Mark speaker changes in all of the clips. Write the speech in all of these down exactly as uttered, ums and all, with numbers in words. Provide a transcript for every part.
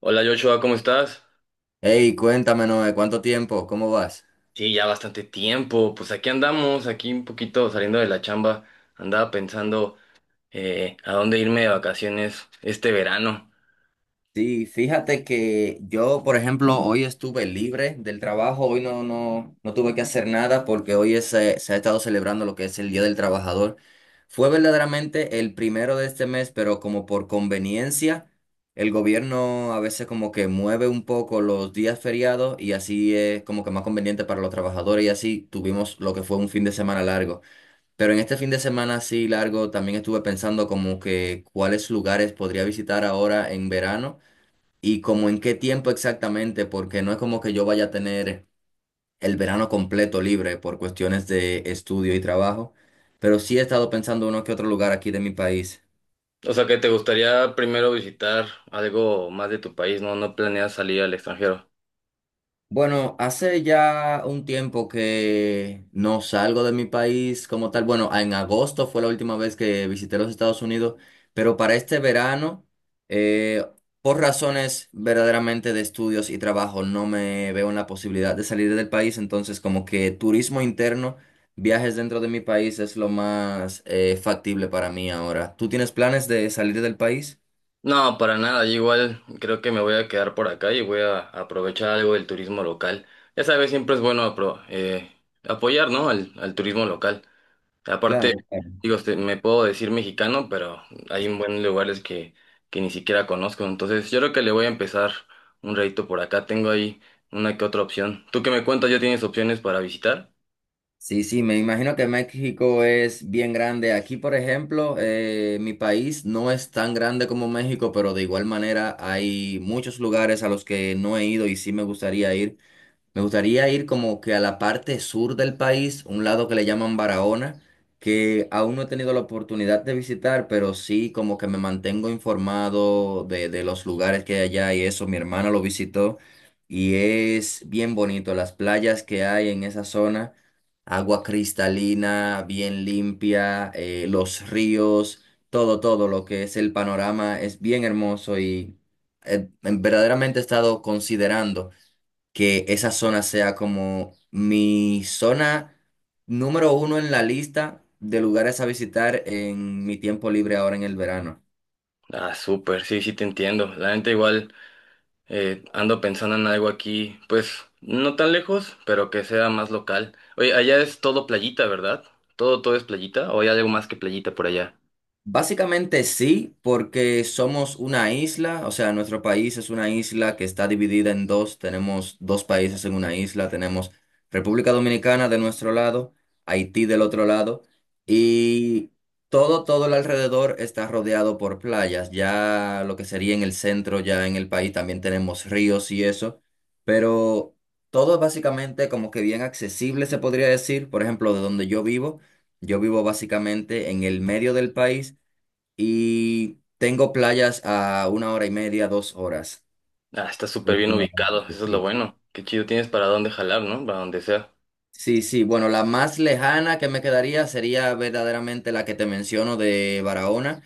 Speaker 1: Hola Joshua, ¿cómo estás?
Speaker 2: Hey, cuéntame, Noé, ¿cuánto tiempo? ¿Cómo vas?
Speaker 1: Sí, ya bastante tiempo. Pues aquí andamos, aquí un poquito saliendo de la chamba. Andaba pensando eh, a dónde irme de vacaciones este verano.
Speaker 2: Sí, fíjate que yo, por ejemplo, hoy estuve libre del trabajo, hoy no, no, no tuve que hacer nada porque hoy es, eh, se ha estado celebrando lo que es el Día del Trabajador. Fue verdaderamente el primero de este mes, pero como por conveniencia, el gobierno a veces como que mueve un poco los días feriados y así es como que más conveniente para los trabajadores y así tuvimos lo que fue un fin de semana largo. Pero en este fin de semana así largo también estuve pensando como que cuáles lugares podría visitar ahora en verano y como en qué tiempo exactamente, porque no es como que yo vaya a tener el verano completo libre por cuestiones de estudio y trabajo, pero sí he estado pensando uno que otro lugar aquí de mi país.
Speaker 1: O sea, que te gustaría primero visitar algo más de tu país, ¿no? No planeas salir al extranjero.
Speaker 2: Bueno, hace ya un tiempo que no salgo de mi país como tal. Bueno, en agosto fue la última vez que visité los Estados Unidos, pero para este verano, eh, por razones verdaderamente de estudios y trabajo, no me veo en la posibilidad de salir del país. Entonces, como que turismo interno, viajes dentro de mi país es lo más eh, factible para mí ahora. ¿Tú tienes planes de salir del país?
Speaker 1: No, para nada. Yo igual creo que me voy a quedar por acá y voy a aprovechar algo del turismo local. Ya sabes, siempre es bueno apro- eh, apoyar, ¿no? Al, al turismo local. Aparte,
Speaker 2: Claro. Claro.
Speaker 1: digo, este, me puedo decir mexicano, pero hay un buen lugares que, que ni siquiera conozco. Entonces, yo creo que le voy a empezar un ratito por acá. Tengo ahí una que otra opción. ¿Tú qué me cuentas? ¿Ya tienes opciones para visitar?
Speaker 2: Sí, sí, me imagino que México es bien grande. Aquí, por ejemplo, eh, mi país no es tan grande como México, pero de igual manera hay muchos lugares a los que no he ido y sí me gustaría ir. Me gustaría ir como que a la parte sur del país, un lado que le llaman Barahona, que aún no he tenido la oportunidad de visitar, pero sí como que me mantengo informado de, de los lugares que hay allá y eso. Mi hermana lo visitó y es bien bonito. Las playas que hay en esa zona, agua cristalina, bien limpia, eh, los ríos, todo, todo lo que es el panorama es bien hermoso y eh, verdaderamente he estado considerando que esa zona sea como mi zona número uno en la lista de lugares a visitar en mi tiempo libre ahora en el verano.
Speaker 1: Ah, súper, sí, sí te entiendo. La gente igual eh, ando pensando en algo aquí, pues no tan lejos, pero que sea más local. Oye, ¿allá es todo playita, ¿verdad? Todo, todo es playita, o hay algo más que playita por allá.
Speaker 2: Básicamente sí, porque somos una isla, o sea, nuestro país es una isla que está dividida en dos, tenemos dos países en una isla, tenemos República Dominicana de nuestro lado, Haití del otro lado, y todo, todo el alrededor está rodeado por playas, ya lo que sería en el centro, ya en el país también tenemos ríos y eso, pero todo es básicamente como que bien accesible se podría decir, por ejemplo, de donde yo vivo, yo vivo básicamente en el medio del país y tengo playas a una hora y media, dos horas
Speaker 1: Ah, está súper bien ubicado,
Speaker 2: aproximadamente.
Speaker 1: eso es lo
Speaker 2: Sí.
Speaker 1: bueno. Qué chido, tienes para dónde jalar, ¿no? Para donde sea.
Speaker 2: Sí, sí, bueno, la más lejana que me quedaría sería verdaderamente la que te menciono de Barahona,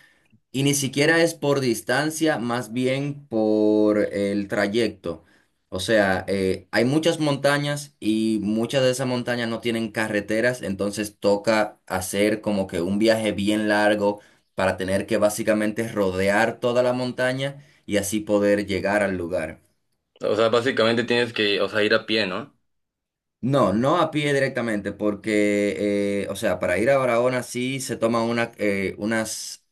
Speaker 2: y ni siquiera es por distancia, más bien por el trayecto. O sea, eh, hay muchas montañas y muchas de esas montañas no tienen carreteras, entonces toca hacer como que un viaje bien largo para tener que básicamente rodear toda la montaña y así poder llegar al lugar.
Speaker 1: O sea, básicamente tienes que, o sea, ir a pie, ¿no?
Speaker 2: No, no a pie directamente, porque, eh, o sea, para ir a Barahona sí se toman una, eh, unas,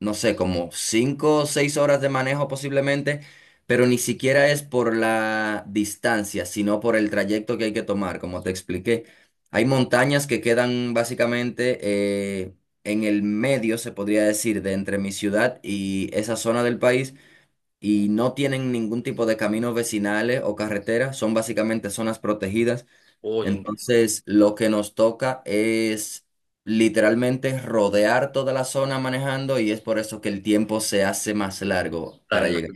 Speaker 2: no sé, como cinco o seis horas de manejo posiblemente, pero ni siquiera es por la distancia, sino por el trayecto que hay que tomar, como te expliqué. Hay montañas que quedan básicamente eh, en el medio, se podría decir, de entre mi ciudad y esa zona del país, y no tienen ningún tipo de caminos vecinales o carreteras, son básicamente zonas protegidas.
Speaker 1: Uy, en-
Speaker 2: Entonces, lo que nos toca es literalmente rodear toda la zona manejando y es por eso que el tiempo se hace más largo para
Speaker 1: tan la-
Speaker 2: llegar.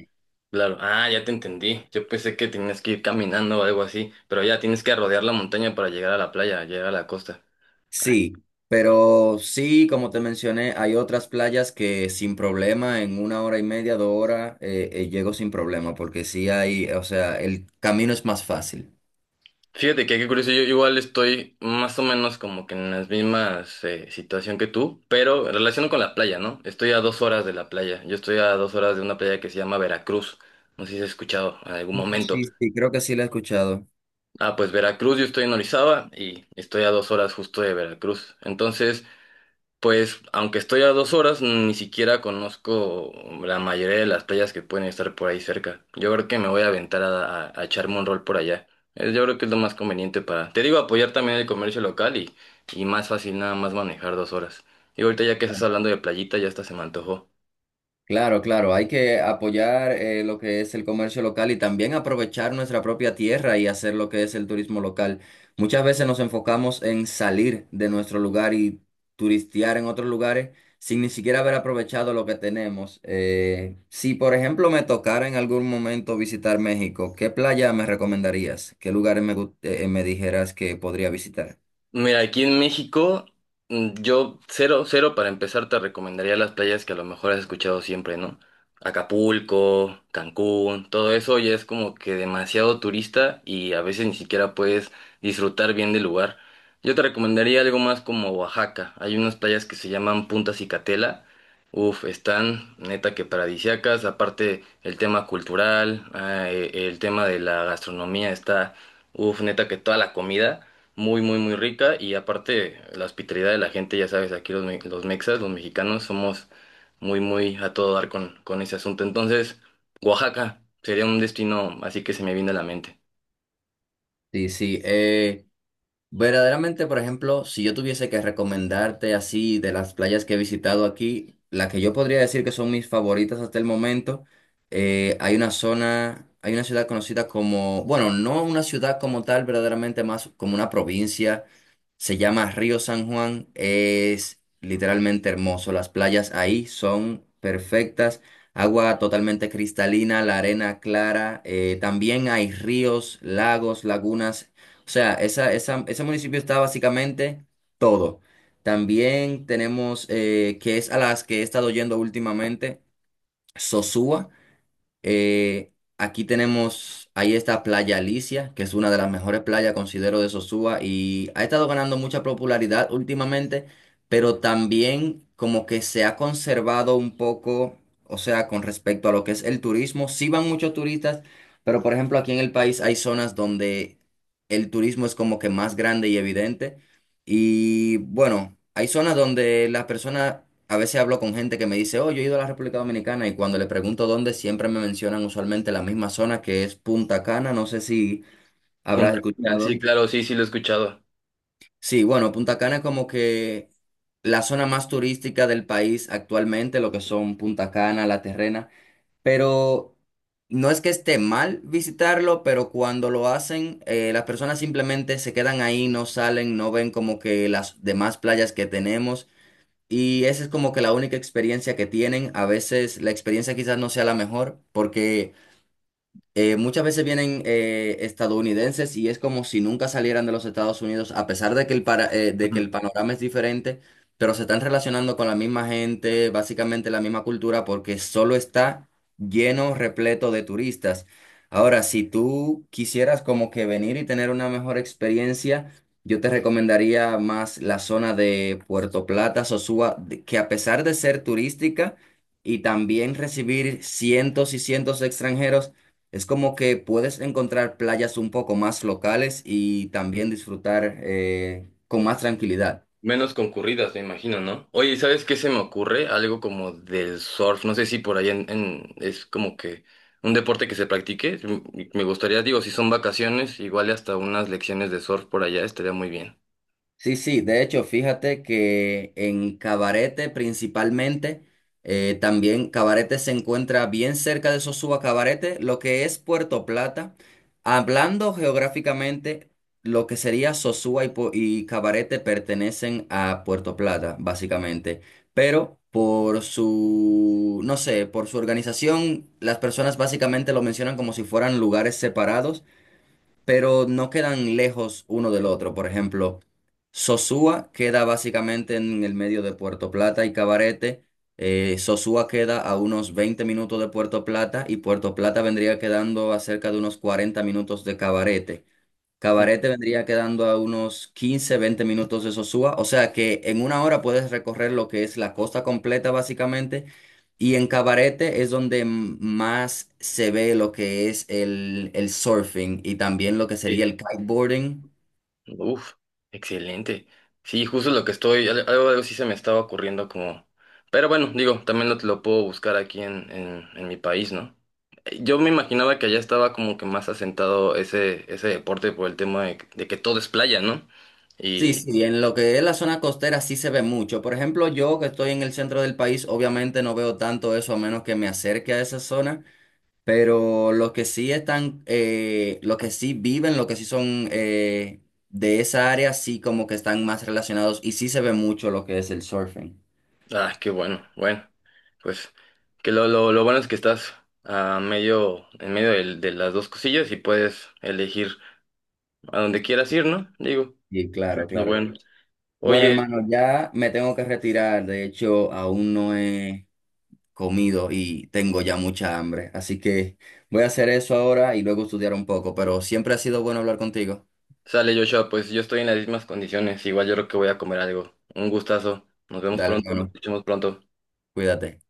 Speaker 1: Claro. Ah, ya te entendí. Yo pensé que tenías que ir caminando o algo así, pero ya tienes que rodear la montaña para llegar a la playa, llegar a la costa. Ah,
Speaker 2: Sí, pero sí, como te mencioné, hay otras playas que sin problema, en una hora y media, dos horas, eh, eh, llego sin problema, porque sí hay, o sea, el camino es más fácil.
Speaker 1: Fíjate que qué curioso, yo igual estoy más o menos como que en las mismas eh, situación que tú, pero en relación con la playa, ¿no? Estoy a dos horas de la playa. Yo estoy a dos horas de una playa que se llama Veracruz. No sé si has escuchado en algún
Speaker 2: Mm,
Speaker 1: momento.
Speaker 2: sí, sí, creo que sí lo he escuchado.
Speaker 1: Ah, pues Veracruz, yo estoy en Orizaba y estoy a dos horas justo de Veracruz. Entonces, pues, aunque estoy a dos horas, ni siquiera conozco la mayoría de las playas que pueden estar por ahí cerca. Yo creo que me voy a aventar a, a- a echarme un rol por allá. Eh, Yo creo que es lo más conveniente para, te digo, apoyar también el comercio local y, y más fácil nada más manejar dos horas. Y ahorita ya que estás hablando de playita, ya hasta se me antojó.
Speaker 2: Claro, claro, hay que apoyar eh, lo que es el comercio local y también aprovechar nuestra propia tierra y hacer lo que es el turismo local. Muchas veces nos enfocamos en salir de nuestro lugar y turistear en otros lugares sin ni siquiera haber aprovechado lo que tenemos. Eh, si, por ejemplo, me tocara en algún momento visitar México, ¿qué playa me recomendarías? ¿Qué lugares me, gu- eh, me dijeras que podría visitar?
Speaker 1: Mira, aquí en México, mm, yo cero, cero para empezar te recomendaría las playas que a lo mejor has escuchado siempre, ¿no? Acapulco, Cancún, todo eso ya es como que demasiado turista y a veces ni siquiera puedes disfrutar bien del lugar. Yo te recomendaría algo más como Oaxaca. Hay unas playas que se llaman Punta Cicatela. Uf, están neta que paradisíacas. Aparte el tema cultural, ah, eh, el tema de la gastronomía está, uf, neta que toda la comida. Muy, muy, muy rica y aparte la hospitalidad de la gente, ya sabes, aquí los, me- los mexas, los mexicanos, somos muy, muy a todo dar con, con ese asunto. Entonces, Oaxaca sería un destino así que se me viene a la mente.
Speaker 2: Sí, sí. eh, Verdaderamente, por ejemplo, si yo tuviese que recomendarte así de las playas que he visitado aquí, la que yo podría decir que son mis favoritas hasta el momento, eh, hay una zona, hay una ciudad conocida como, bueno, no una ciudad como tal, verdaderamente más como una provincia, se llama Río San Juan, es literalmente hermoso, las playas ahí son perfectas, agua totalmente cristalina, la arena clara, eh, también hay ríos, lagos, lagunas, o sea, esa, esa- ese municipio está básicamente todo. También tenemos, eh, que es a las que he estado yendo últimamente, Sosúa. Eh, aquí tenemos, ahí está Playa Alicia, que es una de las mejores playas, considero, de Sosúa y ha estado ganando mucha popularidad últimamente, pero también como que se ha conservado un poco, o sea, con respecto a lo que es el turismo. Sí van muchos turistas, pero por ejemplo aquí en el país hay zonas donde el turismo es como que más grande y evidente. Y bueno, hay zonas donde las personas, a veces hablo con gente que me dice, oh, yo he ido a la República Dominicana y cuando le pregunto dónde, siempre me mencionan usualmente la misma zona que es Punta Cana, no sé si habrás
Speaker 1: Punta Cana, sí,
Speaker 2: escuchado.
Speaker 1: claro, sí, sí, lo he escuchado.
Speaker 2: Sí, bueno, Punta Cana es como que la zona más turística del país actualmente, lo que son Punta Cana, La Terrena, pero no es que esté mal visitarlo, pero cuando lo hacen, eh, las personas simplemente se quedan ahí, no salen, no ven como que las demás playas que tenemos. Y esa es como que la única experiencia que tienen. A veces la experiencia quizás no sea la mejor porque eh, muchas veces vienen eh, estadounidenses y es como si nunca salieran de los Estados Unidos, a pesar de que el, para- eh, de que el
Speaker 1: Ujú.
Speaker 2: panorama es diferente, pero se están relacionando con la misma gente, básicamente la misma cultura, porque solo está lleno, repleto de turistas. Ahora, si tú quisieras como que venir y tener una mejor experiencia, yo te recomendaría más la zona de Puerto Plata, Sosúa, de- que a pesar de ser turística y también recibir cientos y cientos de extranjeros, es como que puedes encontrar playas un poco más locales y también disfrutar eh, con más tranquilidad.
Speaker 1: Menos concurridas, me imagino, ¿no? Oye, ¿sabes qué se me ocurre? Algo como del surf, no sé si por allá en, en- es como que un deporte que se practique. M- Me gustaría, digo, si son vacaciones, igual y hasta unas lecciones de surf por allá estaría muy bien.
Speaker 2: Sí, sí, de hecho, fíjate que en Cabarete principalmente, eh, también Cabarete se encuentra bien cerca de Sosúa Cabarete, lo que es Puerto Plata. Hablando geográficamente, lo que sería Sosúa y, Pu- y Cabarete pertenecen a Puerto Plata, básicamente. Pero por su, no sé, por su organización, las personas básicamente lo mencionan como si fueran lugares separados, pero no quedan lejos uno del otro. Por ejemplo, Sosúa queda básicamente en el medio de Puerto Plata y Cabarete. Eh, Sosúa queda a unos veinte minutos de Puerto Plata y Puerto Plata vendría quedando a cerca de unos cuarenta minutos de Cabarete.
Speaker 1: Ujú.
Speaker 2: Cabaret te vendría quedando a unos quince, veinte minutos de Sosúa, o sea que en una hora puedes recorrer lo que es la costa completa básicamente, y en Cabarete es donde m- más se ve lo que es el, el surfing y también lo que sería el
Speaker 1: Sí.
Speaker 2: kiteboarding.
Speaker 1: Uf, excelente. Sí, justo lo que estoy, al- algo, algo sí se me estaba ocurriendo como... Pero bueno, digo, también lo, lo puedo buscar aquí en, en, en mi país, ¿no? Eh, Yo me imaginaba que allá estaba como que más asentado ese, ese deporte por el tema de, de que todo es playa, ¿no?
Speaker 2: Sí,
Speaker 1: Y,
Speaker 2: sí, en lo que es la zona costera sí se ve mucho. Por ejemplo, yo que estoy en el centro del país, obviamente no veo tanto eso a menos que me acerque a esa zona. Pero los que sí están, eh, los que sí viven, los que sí son eh, de esa área, sí como que están más relacionados y sí se ve mucho lo que es el surfing.
Speaker 1: ah, qué bueno, bueno, pues que lo, lo, lo bueno es que estás a medio, en medio del- de las dos cosillas y puedes elegir a donde quieras ir, ¿no? Digo,
Speaker 2: Y claro,
Speaker 1: lo
Speaker 2: claro.
Speaker 1: bueno.
Speaker 2: Bueno,
Speaker 1: Oye,
Speaker 2: hermano, ya me tengo que retirar. De hecho, aún no he comido y tengo ya mucha hambre. Así que voy a hacer eso ahora y luego estudiar un poco. Pero siempre ha sido bueno hablar contigo.
Speaker 1: sale Joshua, pues yo estoy en las mismas condiciones. Igual yo creo que voy a comer algo. Un gustazo. Nos vemos
Speaker 2: Dale,
Speaker 1: pronto, nos
Speaker 2: hermano,
Speaker 1: escuchamos pronto.
Speaker 2: cuídate.